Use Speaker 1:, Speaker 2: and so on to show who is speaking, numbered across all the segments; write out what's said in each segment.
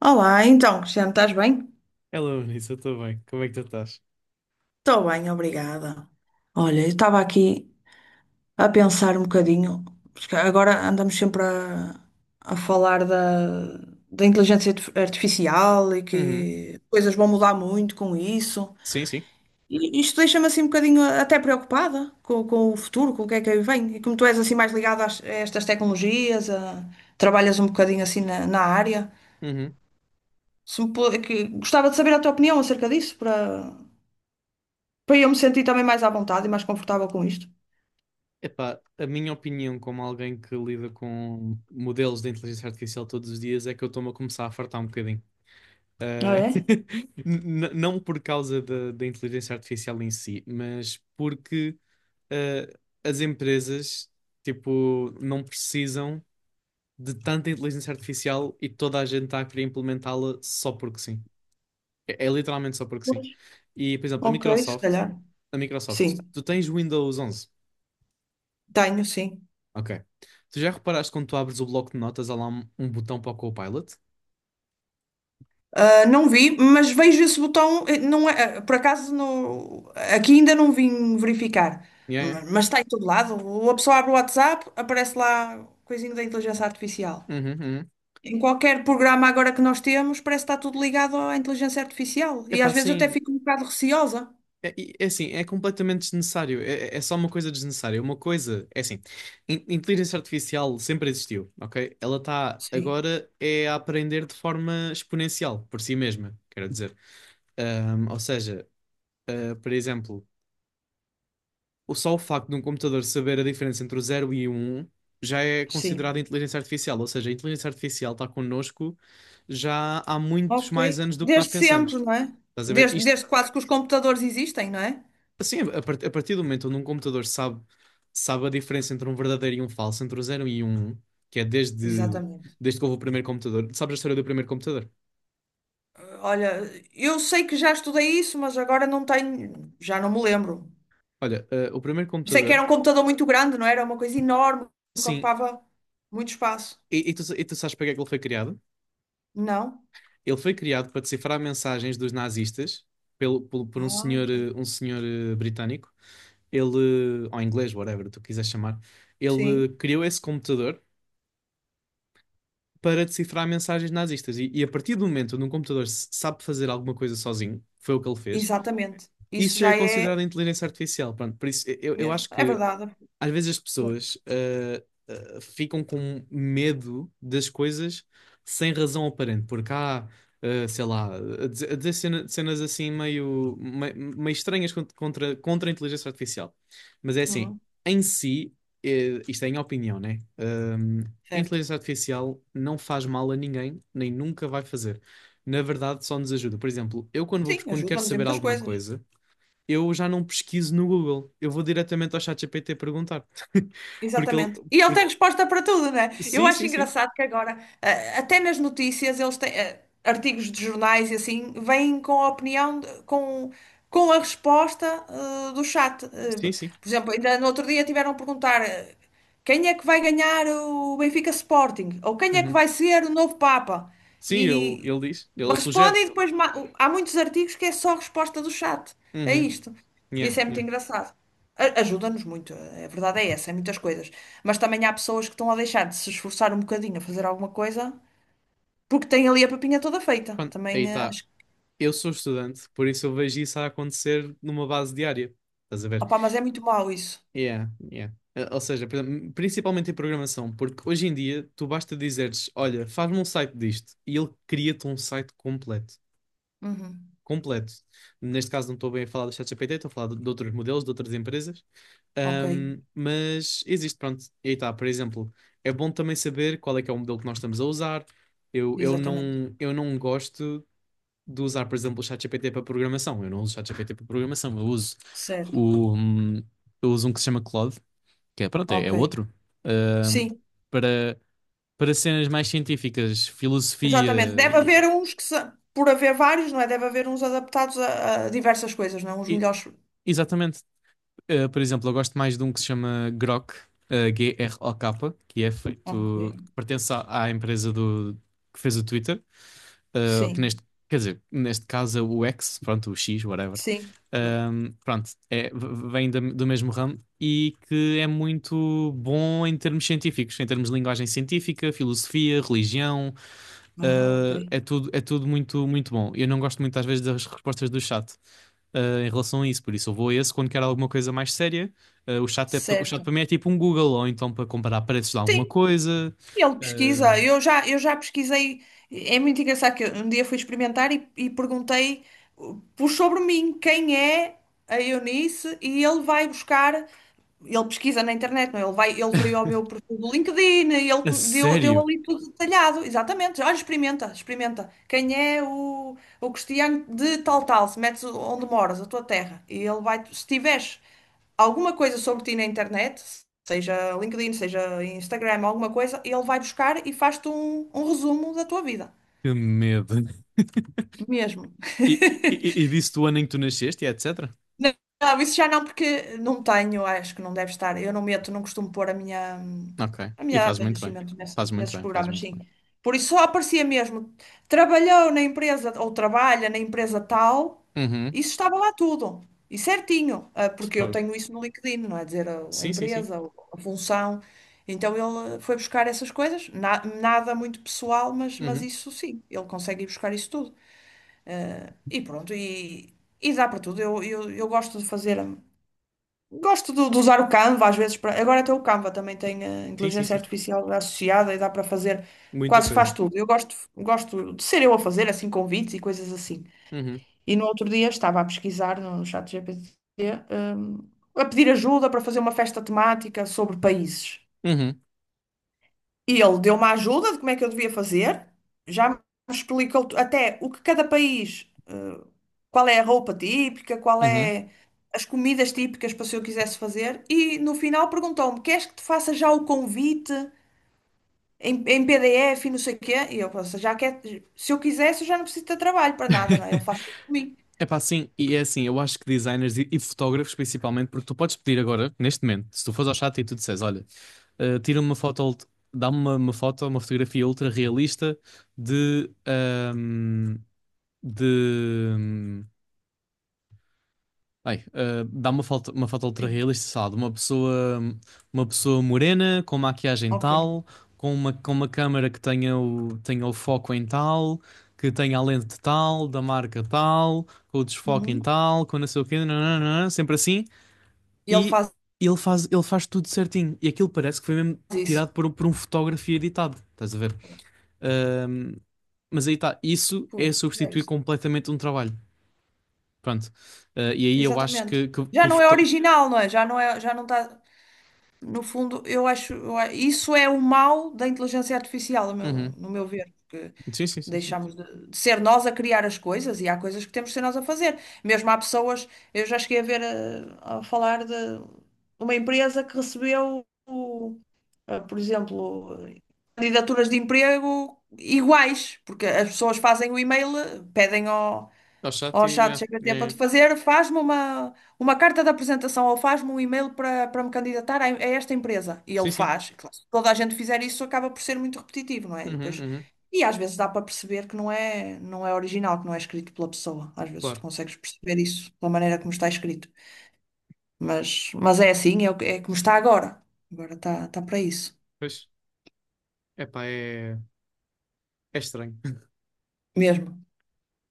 Speaker 1: Olá, então, Cristiano, estás bem?
Speaker 2: Hello, Nisso, eu estou bem. Como é que tu estás?
Speaker 1: Estou bem, obrigada. Olha, eu estava aqui a pensar um bocadinho, porque agora andamos sempre a falar da inteligência artificial e
Speaker 2: Uhum.
Speaker 1: que coisas vão mudar muito com isso.
Speaker 2: Sim, sim.
Speaker 1: E isto deixa-me assim um bocadinho até preocupada com o futuro, com o que é que aí vem. E como tu és assim mais ligado a estas tecnologias, trabalhas um bocadinho assim na área,
Speaker 2: Uhum.
Speaker 1: se me pu- que- gostava de saber a tua opinião acerca disso, para eu me sentir também mais à vontade e mais confortável com isto.
Speaker 2: Epá, a minha opinião, como alguém que lida com modelos de inteligência artificial todos os dias, é que eu estou-me a começar a fartar um bocadinho.
Speaker 1: Ah,
Speaker 2: Ah,
Speaker 1: é?
Speaker 2: não por causa da inteligência artificial em si, mas porque ah, as empresas, tipo, não precisam de tanta inteligência artificial e toda a gente está a querer implementá-la só porque sim. É, é literalmente só porque sim.
Speaker 1: Pois.
Speaker 2: E, por exemplo,
Speaker 1: Ok, se calhar.
Speaker 2: A Microsoft,
Speaker 1: Sim,
Speaker 2: tu tens Windows 11,
Speaker 1: tenho, sim.
Speaker 2: ok. Tu já reparaste quando tu abres o bloco de notas, há lá um botão para o Copilot?
Speaker 1: Ah, não vi, mas vejo esse botão. Não é, por acaso, aqui ainda não vim verificar.
Speaker 2: Yeah, yeah.
Speaker 1: Mas está em todo lado. Ou a pessoa abre o WhatsApp, aparece lá coisinho da inteligência artificial.
Speaker 2: Uhum, uhum.
Speaker 1: Em qualquer programa agora que nós temos, parece que está tudo ligado à inteligência artificial. E
Speaker 2: Epá,
Speaker 1: às vezes eu até
Speaker 2: assim,
Speaker 1: fico um bocado receosa.
Speaker 2: é, é assim, é completamente desnecessário. É, é só uma coisa desnecessária. Uma coisa, é assim, inteligência artificial sempre existiu, ok? Ela está
Speaker 1: Sim,
Speaker 2: agora é a aprender de forma exponencial por si mesma, quero dizer. Ou seja, por exemplo. O só o facto de um computador saber a diferença entre o zero e o 1 já é
Speaker 1: sim.
Speaker 2: considerado inteligência artificial, ou seja, a inteligência artificial está connosco já há muitos
Speaker 1: Ok.
Speaker 2: mais anos do que nós
Speaker 1: Desde
Speaker 2: pensamos.
Speaker 1: sempre, não é?
Speaker 2: Estás a ver? Isto,
Speaker 1: Desde quase que os computadores existem, não é?
Speaker 2: assim, a partir do momento onde um computador sabe a diferença entre um verdadeiro e um falso, entre o zero e o 1, que é desde,
Speaker 1: Exatamente.
Speaker 2: desde que houve o primeiro computador. Sabes a história do primeiro computador?
Speaker 1: Olha, eu sei que já estudei isso, mas agora não tenho, já não me lembro.
Speaker 2: Olha, o primeiro
Speaker 1: Sei que
Speaker 2: computador,
Speaker 1: era um computador muito grande, não é? Era? Uma coisa enorme que
Speaker 2: sim,
Speaker 1: ocupava muito espaço.
Speaker 2: e tu sabes para que é que ele foi criado?
Speaker 1: Não?
Speaker 2: Ele foi criado para decifrar mensagens dos nazistas por um
Speaker 1: Ah,
Speaker 2: senhor,
Speaker 1: ok.
Speaker 2: um senhor britânico. Ele, ou inglês, whatever tu quiseres chamar, ele
Speaker 1: Sim,
Speaker 2: criou esse computador para decifrar mensagens nazistas. E a partir do momento onde um computador sabe fazer alguma coisa sozinho, foi o que ele fez,
Speaker 1: exatamente. Isso
Speaker 2: isso já é
Speaker 1: já é
Speaker 2: considerado inteligência artificial. Pronto, por isso eu
Speaker 1: mesmo.
Speaker 2: acho
Speaker 1: É
Speaker 2: que
Speaker 1: verdade.
Speaker 2: às vezes as pessoas ficam com medo das coisas sem razão aparente, porque há, sei lá, a dizer, cenas assim meio, estranhas contra a inteligência artificial. Mas é assim,
Speaker 1: Uhum,
Speaker 2: em si, isto é em opinião, né? A
Speaker 1: certo.
Speaker 2: inteligência artificial não faz mal a ninguém, nem nunca vai fazer. Na verdade, só nos ajuda. Por exemplo, eu quando vou,
Speaker 1: Sim,
Speaker 2: quando quero
Speaker 1: ajuda-nos em
Speaker 2: saber
Speaker 1: muitas
Speaker 2: alguma
Speaker 1: coisas.
Speaker 2: coisa eu já não pesquiso no Google. Eu vou diretamente ao ChatGPT perguntar. Porque ele.
Speaker 1: Exatamente. E ele tem
Speaker 2: porque-
Speaker 1: resposta para tudo, né? Eu
Speaker 2: Sim,
Speaker 1: acho
Speaker 2: sim, sim.
Speaker 1: engraçado que agora, até nas notícias, eles têm artigos de jornais e assim, vêm com a opinião, com a resposta do chat.
Speaker 2: Sim, sim.
Speaker 1: Por exemplo, ainda no outro dia tiveram a perguntar quem é que vai ganhar o Benfica Sporting? Ou quem é que
Speaker 2: Uhum.
Speaker 1: vai ser o novo Papa?
Speaker 2: Sim, ele,
Speaker 1: E.
Speaker 2: ele diz. Ele sugere.
Speaker 1: Respondem e depois há muitos artigos que é só resposta do chat a
Speaker 2: Uhum.
Speaker 1: isto.
Speaker 2: Yeah,
Speaker 1: Isso é muito
Speaker 2: yeah.
Speaker 1: engraçado. Ajuda-nos muito, a verdade é essa, em muitas coisas. Mas também há pessoas que estão a deixar de se esforçar um bocadinho a fazer alguma coisa porque têm ali a papinha toda feita.
Speaker 2: Pronto, aí
Speaker 1: Também
Speaker 2: está.
Speaker 1: acho. Que.
Speaker 2: Eu sou estudante, por isso eu vejo isso a acontecer numa base diária. Estás a ver?
Speaker 1: Opá, mas é muito mau isso.
Speaker 2: Yeah, yeah. Ou seja, por exemplo, principalmente em programação, porque hoje em dia tu basta dizeres: Olha, faz-me um site disto, e ele cria-te um site completo.
Speaker 1: Uhum.
Speaker 2: Completo. Neste caso não estou bem a falar do ChatGPT, estou a falar de outros modelos, de outras empresas.
Speaker 1: Ok,
Speaker 2: Mas existe, pronto, e aí está, por exemplo, é bom também saber qual é que é o modelo que nós estamos a usar. Eu,
Speaker 1: exatamente.
Speaker 2: eu não gosto de usar, por exemplo, o ChatGPT para programação, eu não uso o ChatGPT para programação,
Speaker 1: Certo.
Speaker 2: o, hum, eu uso um que se chama Claude, que é, pronto, é
Speaker 1: Ok.
Speaker 2: outro. Ahm,
Speaker 1: Sim,
Speaker 2: para, para cenas mais científicas,
Speaker 1: exatamente.
Speaker 2: filosofia,
Speaker 1: Deve haver uns que, por haver vários, não é? Deve haver uns adaptados a diversas coisas, não? Uns
Speaker 2: e-
Speaker 1: melhores.
Speaker 2: exatamente. Por exemplo, eu gosto mais de um que se chama Grok, G-R-O-K, que é feito,
Speaker 1: Ok.
Speaker 2: que pertence à empresa do, que fez o Twitter, uh, que
Speaker 1: Sim,
Speaker 2: neste, quer dizer, neste caso é o X, pronto, o X, whatever.
Speaker 1: sim.
Speaker 2: Pronto, é, do mesmo ramo e que é muito bom em termos científicos, em termos de linguagem científica, filosofia, religião,
Speaker 1: Ah, ok.
Speaker 2: é tudo muito, muito bom. Eu não gosto muito às vezes das respostas do chat em relação a isso. Por isso, eu vou a esse quando quero alguma coisa mais séria. O chat
Speaker 1: Certo.
Speaker 2: para mim é tipo um Google, ou então para comparar preços de alguma
Speaker 1: Sim,
Speaker 2: coisa.
Speaker 1: ele pesquisa.
Speaker 2: Eh,
Speaker 1: Eu já pesquisei. É muito engraçado que eu um dia fui experimentar e perguntei por sobre mim quem é a Eunice e ele vai buscar. Ele pesquisa na internet, não? É? Ele vai, ele foi ao meu perfil do LinkedIn, e ele
Speaker 2: a
Speaker 1: deu
Speaker 2: sério?
Speaker 1: ali tudo detalhado. Exatamente. Olha, experimenta, experimenta. O Cristiano de tal tal? Se metes onde moras, a tua terra. E ele vai, se tiveres alguma coisa sobre ti na internet, seja LinkedIn, seja Instagram, alguma coisa, ele vai buscar e faz-te um resumo da tua vida.
Speaker 2: Que medo.
Speaker 1: Mesmo.
Speaker 2: E, e, e disse do ano em que tu nasceste e etc.
Speaker 1: Não, não, isso já não, porque não tenho, acho que não deve estar. Eu não meto, não costumo pôr
Speaker 2: Ok.
Speaker 1: a
Speaker 2: E
Speaker 1: minha
Speaker 2: faz
Speaker 1: data de
Speaker 2: muito bem.
Speaker 1: nascimento
Speaker 2: Faz muito
Speaker 1: nesses
Speaker 2: bem, faz
Speaker 1: programas,
Speaker 2: muito
Speaker 1: sim.
Speaker 2: bem.
Speaker 1: Por isso só aparecia mesmo. Trabalhou na empresa, ou trabalha na empresa tal,
Speaker 2: Uhum.
Speaker 1: isso estava lá tudo. E certinho, ah, porque eu
Speaker 2: Fogo.
Speaker 1: tenho isso no LinkedIn, não é dizer a
Speaker 2: Sim, sim, sim.
Speaker 1: empresa, ou a função. Então ele foi buscar essas coisas, nada muito pessoal, mas
Speaker 2: Uhum.
Speaker 1: isso sim, ele consegue ir buscar isso tudo. E pronto, e dá para tudo. Eu gosto de fazer. Gosto de usar o Canva às vezes para. Agora até o Canva também tem
Speaker 2: Sim, sim,
Speaker 1: inteligência
Speaker 2: sim.
Speaker 1: artificial associada e dá para fazer,
Speaker 2: Muita
Speaker 1: quase
Speaker 2: coisa.
Speaker 1: faz tudo. Eu gosto, gosto de ser eu a fazer assim convites e coisas assim.
Speaker 2: Uhum.
Speaker 1: E no outro dia estava a pesquisar no chat GPT, a pedir ajuda para fazer uma festa temática sobre países.
Speaker 2: Uhum.
Speaker 1: E ele deu uma ajuda de como é que eu devia fazer, já me explicou até o que cada país, qual é a roupa típica, qual
Speaker 2: Uhum.
Speaker 1: é as comidas típicas para se eu quisesse fazer, e no final perguntou-me: queres que te faça já o convite em PDF e não sei o quê? E eu pensei, já quer, se eu quisesse, eu já não preciso de trabalho para nada, não é? Ele faz tudo por mim.
Speaker 2: É pá, sim, e é assim, eu acho que designers e fotógrafos principalmente, porque tu podes pedir agora, neste momento, se tu fores ao chat e tu disseres, olha, eh, tira-me uma foto, ult- dá-me uma foto, uma fotografia ultra realista de, ahm, de, hum, dá uma foto ultra
Speaker 1: Sim,
Speaker 2: realista, sei lá, de uma pessoa morena, com maquiagem
Speaker 1: ok.
Speaker 2: tal, com uma câmera que tenha o, tenha o foco em tal, que tenha a lente tal, da marca tal, com o desfoque em
Speaker 1: Uhum.
Speaker 2: tal, com não sei o quê, nananana, sempre assim.
Speaker 1: E ele
Speaker 2: E
Speaker 1: faz
Speaker 2: ele faz tudo certinho. E aquilo parece que foi mesmo
Speaker 1: isso.
Speaker 2: tirado por, por um fotógrafo e editado, estás a ver? Ah, mas aí está, isso é
Speaker 1: Pô, já
Speaker 2: substituir
Speaker 1: viste?
Speaker 2: completamente um trabalho. Pronto. E aí eu acho
Speaker 1: Exatamente.
Speaker 2: que.
Speaker 1: Já não é original, não é? Já não é, já não está. No fundo, eu acho, isso é o mal da inteligência artificial, no meu,
Speaker 2: Uhum.
Speaker 1: no meu ver, porque
Speaker 2: Sim, sim, sim, sim.
Speaker 1: deixamos de ser nós a criar as coisas e há coisas que temos de ser nós a fazer. Mesmo há pessoas, eu já cheguei a ver a falar de uma empresa que recebeu, por exemplo, candidaturas de emprego iguais, porque as pessoas fazem o e-mail, pedem ao,
Speaker 2: Ao chat
Speaker 1: Ó,
Speaker 2: e
Speaker 1: chato,
Speaker 2: yeah,
Speaker 1: chega tempo a
Speaker 2: yeah,
Speaker 1: te
Speaker 2: yeah.
Speaker 1: fazer, faz-me uma carta de apresentação ou faz-me um e-mail para me candidatar a esta empresa. E ele
Speaker 2: Sim, sim.
Speaker 1: faz. E claro, se toda a gente fizer isso, acaba por ser muito repetitivo, não é? E
Speaker 2: Uhum,
Speaker 1: depois,
Speaker 2: uhum.
Speaker 1: e às vezes dá para perceber que não é, não é original, que não é escrito pela pessoa. Às vezes tu
Speaker 2: Claro.
Speaker 1: consegues perceber isso pela maneira como está escrito. Mas é assim, é, é como está agora. Agora está para isso.
Speaker 2: Pois. Epá, é, é estranho.
Speaker 1: Mesmo.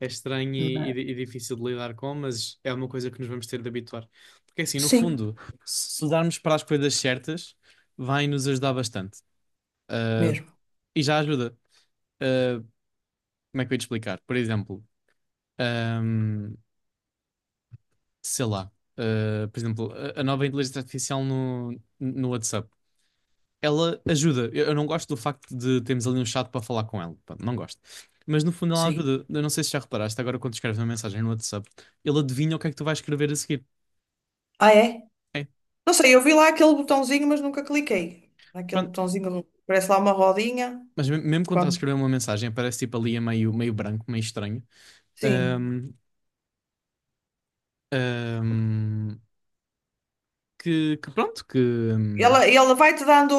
Speaker 2: É estranho e,
Speaker 1: Mas-
Speaker 2: e difícil de lidar com, mas é uma coisa que nos vamos ter de habituar. Porque assim, no
Speaker 1: Sim,
Speaker 2: fundo, se darmos para as coisas certas, vai nos ajudar bastante. Ah,
Speaker 1: mesmo.
Speaker 2: e já ajuda. Ah, como é que eu ia te explicar? Por exemplo, ahm, sei lá. Por exemplo, a nova inteligência artificial no WhatsApp. Ela ajuda. Eu não gosto do facto de termos ali um chat para falar com ela. Pá, não gosto. Mas no fundo ela
Speaker 1: Sim.
Speaker 2: ajuda. Eu não sei se já reparaste, agora quando escreves uma mensagem no WhatsApp, ele adivinha o que é que tu vais escrever a seguir.
Speaker 1: Ah, é?
Speaker 2: É,
Speaker 1: Não sei, eu vi lá aquele botãozinho, mas nunca cliquei. Aquele
Speaker 2: pronto.
Speaker 1: botãozinho, parece lá uma rodinha.
Speaker 2: Mesmo quando estás a
Speaker 1: Quando...
Speaker 2: escrever uma mensagem, aparece tipo ali a meio, meio branco, meio estranho.
Speaker 1: Sim.
Speaker 2: Ahm, ahm, que pronto,
Speaker 1: Ela vai-te dando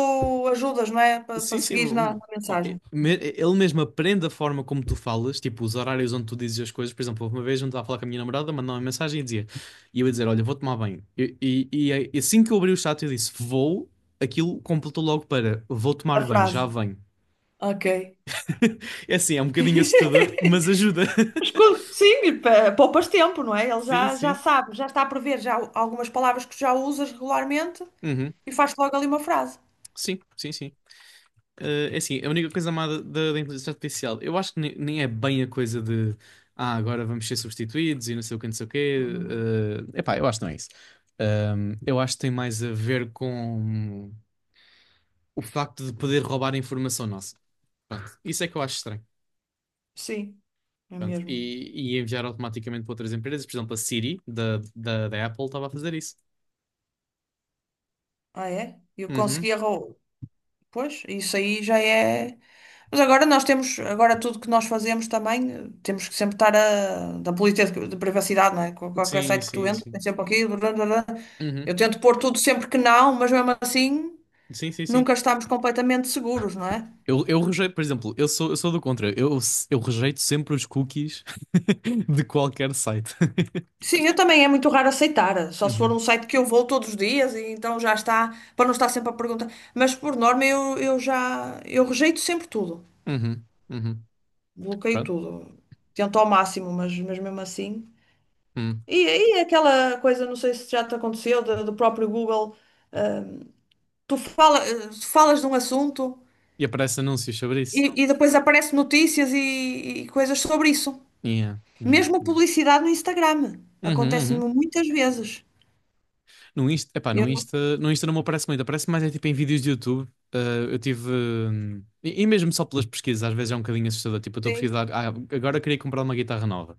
Speaker 1: ajudas, não é? Para
Speaker 2: sim, sim.
Speaker 1: seguir na
Speaker 2: Não, e-
Speaker 1: mensagem.
Speaker 2: me- Ele mesmo aprende a forma como tu falas, tipo os horários onde tu dizes as coisas. Por exemplo, houve uma vez onde estava a falar com a minha namorada, mandou uma mensagem e dizia, e eu ia dizer: Olha, vou tomar banho. E, e assim que eu abri o chat, eu disse: Vou. Aquilo completou logo para: Vou
Speaker 1: A
Speaker 2: tomar banho,
Speaker 1: frase.
Speaker 2: já venho.
Speaker 1: Ok.
Speaker 2: É assim, é um bocadinho assustador, mas ajuda.
Speaker 1: Mas quando- Sim, e poupas tempo, não é? Ele
Speaker 2: Sim,
Speaker 1: já, já
Speaker 2: sim.
Speaker 1: sabe, já está a prever já algumas palavras que já usas regularmente
Speaker 2: Uhum.
Speaker 1: e faz logo ali uma frase.
Speaker 2: Sim, sim, sim. É assim, a única coisa má da inteligência artificial, eu acho que nem, é bem a coisa de agora vamos ser substituídos e não sei o que, não sei o quê.
Speaker 1: Uhum.
Speaker 2: Epá, eu acho que não é isso. Eu acho que tem mais a ver com o facto de poder roubar a informação nossa. Pronto, isso é que eu acho estranho.
Speaker 1: Sim, é
Speaker 2: Pronto,
Speaker 1: mesmo.
Speaker 2: e enviar automaticamente para outras empresas, por exemplo, a Siri da Apple estava a fazer isso.
Speaker 1: Ah, é? Eu consegui
Speaker 2: Uhum.
Speaker 1: arrou... Pois, isso aí já é. Mas agora nós temos, agora tudo que nós fazemos também, temos que sempre estar a, da política de privacidade, não é? Qualquer
Speaker 2: Sim,
Speaker 1: site que tu
Speaker 2: sim,
Speaker 1: entres,
Speaker 2: sim.
Speaker 1: tem sempre aqui blá, blá, blá.
Speaker 2: Uhum.
Speaker 1: Eu tento pôr tudo sempre que não, mas mesmo assim
Speaker 2: Sim, sim, sim.
Speaker 1: nunca estamos completamente seguros, não é?
Speaker 2: Eu rejeito, por exemplo, eu sou do contra. Eu rejeito sempre os cookies de qualquer site.
Speaker 1: Sim, eu também é muito raro aceitar, só se for
Speaker 2: Uhum,
Speaker 1: um site que eu vou todos os dias e então já está, para não estar sempre a perguntar. Mas por norma eu rejeito sempre tudo,
Speaker 2: uhum, uhum.
Speaker 1: bloqueio
Speaker 2: Pronto.
Speaker 1: tudo, tento ao máximo, mas mesmo assim.
Speaker 2: Hum.
Speaker 1: E aí é aquela coisa, não sei se já te aconteceu, do próprio Google, tu fala, falas de um assunto
Speaker 2: E aparece anúncios sobre isso.
Speaker 1: e depois aparecem notícias e coisas sobre isso.
Speaker 2: Yeah, yeah,
Speaker 1: Mesmo
Speaker 2: yeah.
Speaker 1: publicidade no Instagram.
Speaker 2: Uhum,
Speaker 1: Acontece-me
Speaker 2: uhum.
Speaker 1: muitas vezes.
Speaker 2: No Insta, epá, no
Speaker 1: Eu não
Speaker 2: Insta, no Insta não me aparece muito, aparece mais é tipo em vídeos de YouTube. Ah, eu tive. E mesmo só pelas pesquisas, às vezes é um bocadinho assustador. Tipo, eu estou a
Speaker 1: sim,
Speaker 2: pesquisar. Ah, agora queria comprar uma guitarra nova.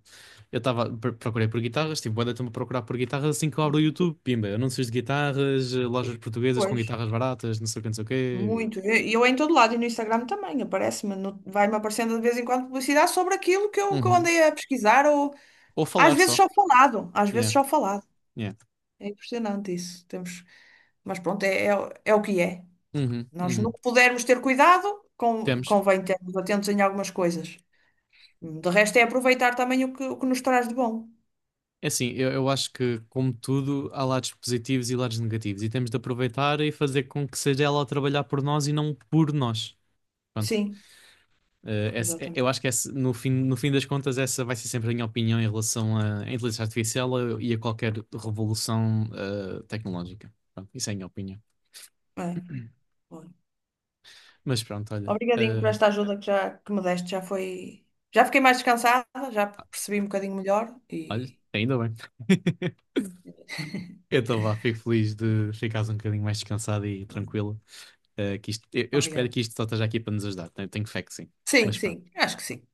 Speaker 2: Eu estava. Procurei por guitarras, tipo, boa tempo a procurar por guitarras assim que eu abro o YouTube. Pimba, anúncios de guitarras, lojas portuguesas com
Speaker 1: pois,
Speaker 2: guitarras baratas, não sei o que, não sei o quê.
Speaker 1: muito. E eu, em todo lado e no Instagram também aparece-me, vai-me aparecendo de vez em quando publicidade sobre aquilo que eu
Speaker 2: Uhum.
Speaker 1: andei a pesquisar ou
Speaker 2: Ou
Speaker 1: às
Speaker 2: falar
Speaker 1: vezes
Speaker 2: só.
Speaker 1: só falado, às vezes
Speaker 2: Yeah,
Speaker 1: só falado.
Speaker 2: yeah.
Speaker 1: É impressionante isso. Temos, mas pronto, é o que é.
Speaker 2: Uhum,
Speaker 1: Nós, no
Speaker 2: uhum.
Speaker 1: que pudermos ter cuidado,
Speaker 2: Temos.
Speaker 1: convém termos atentos em algumas coisas. De resto, é aproveitar também o que nos traz de bom.
Speaker 2: É assim, eu acho que, como tudo, há lados positivos e lados negativos, e temos de aproveitar e fazer com que seja ela a trabalhar por nós e não por nós. Pronto.
Speaker 1: Sim,
Speaker 2: Eu
Speaker 1: exatamente.
Speaker 2: acho que no fim, no fim das contas, essa vai ser sempre a minha opinião em relação à inteligência artificial e a qualquer revolução tecnológica. Pronto, isso é a minha opinião.
Speaker 1: É, olha.
Speaker 2: Mas pronto, olha.
Speaker 1: Obrigadinho por esta ajuda que, já, que me deste. Já foi. Já fiquei mais descansada, já percebi um bocadinho melhor
Speaker 2: Olha,
Speaker 1: e.
Speaker 2: ainda bem. Então vá, fico feliz de ficares um bocadinho mais descansado e tranquilo. Eu espero
Speaker 1: Obrigada.
Speaker 2: que isto só esteja aqui para nos ajudar. Tenho, tenho fé que sim.
Speaker 1: Sim,
Speaker 2: Mas pronto.
Speaker 1: sim, acho que sim.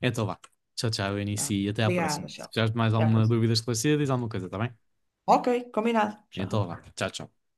Speaker 2: Então vá. Tchau, tchau, Eunice,
Speaker 1: Vá.
Speaker 2: e até à
Speaker 1: Obrigada,
Speaker 2: próxima. Se
Speaker 1: tchau.
Speaker 2: tiveres mais
Speaker 1: Até à
Speaker 2: alguma
Speaker 1: próxima.
Speaker 2: dúvida esclarecida, diz alguma coisa, tá bem?
Speaker 1: Ok, combinado.
Speaker 2: Então
Speaker 1: Tchau.
Speaker 2: vá. Tchau, tchau.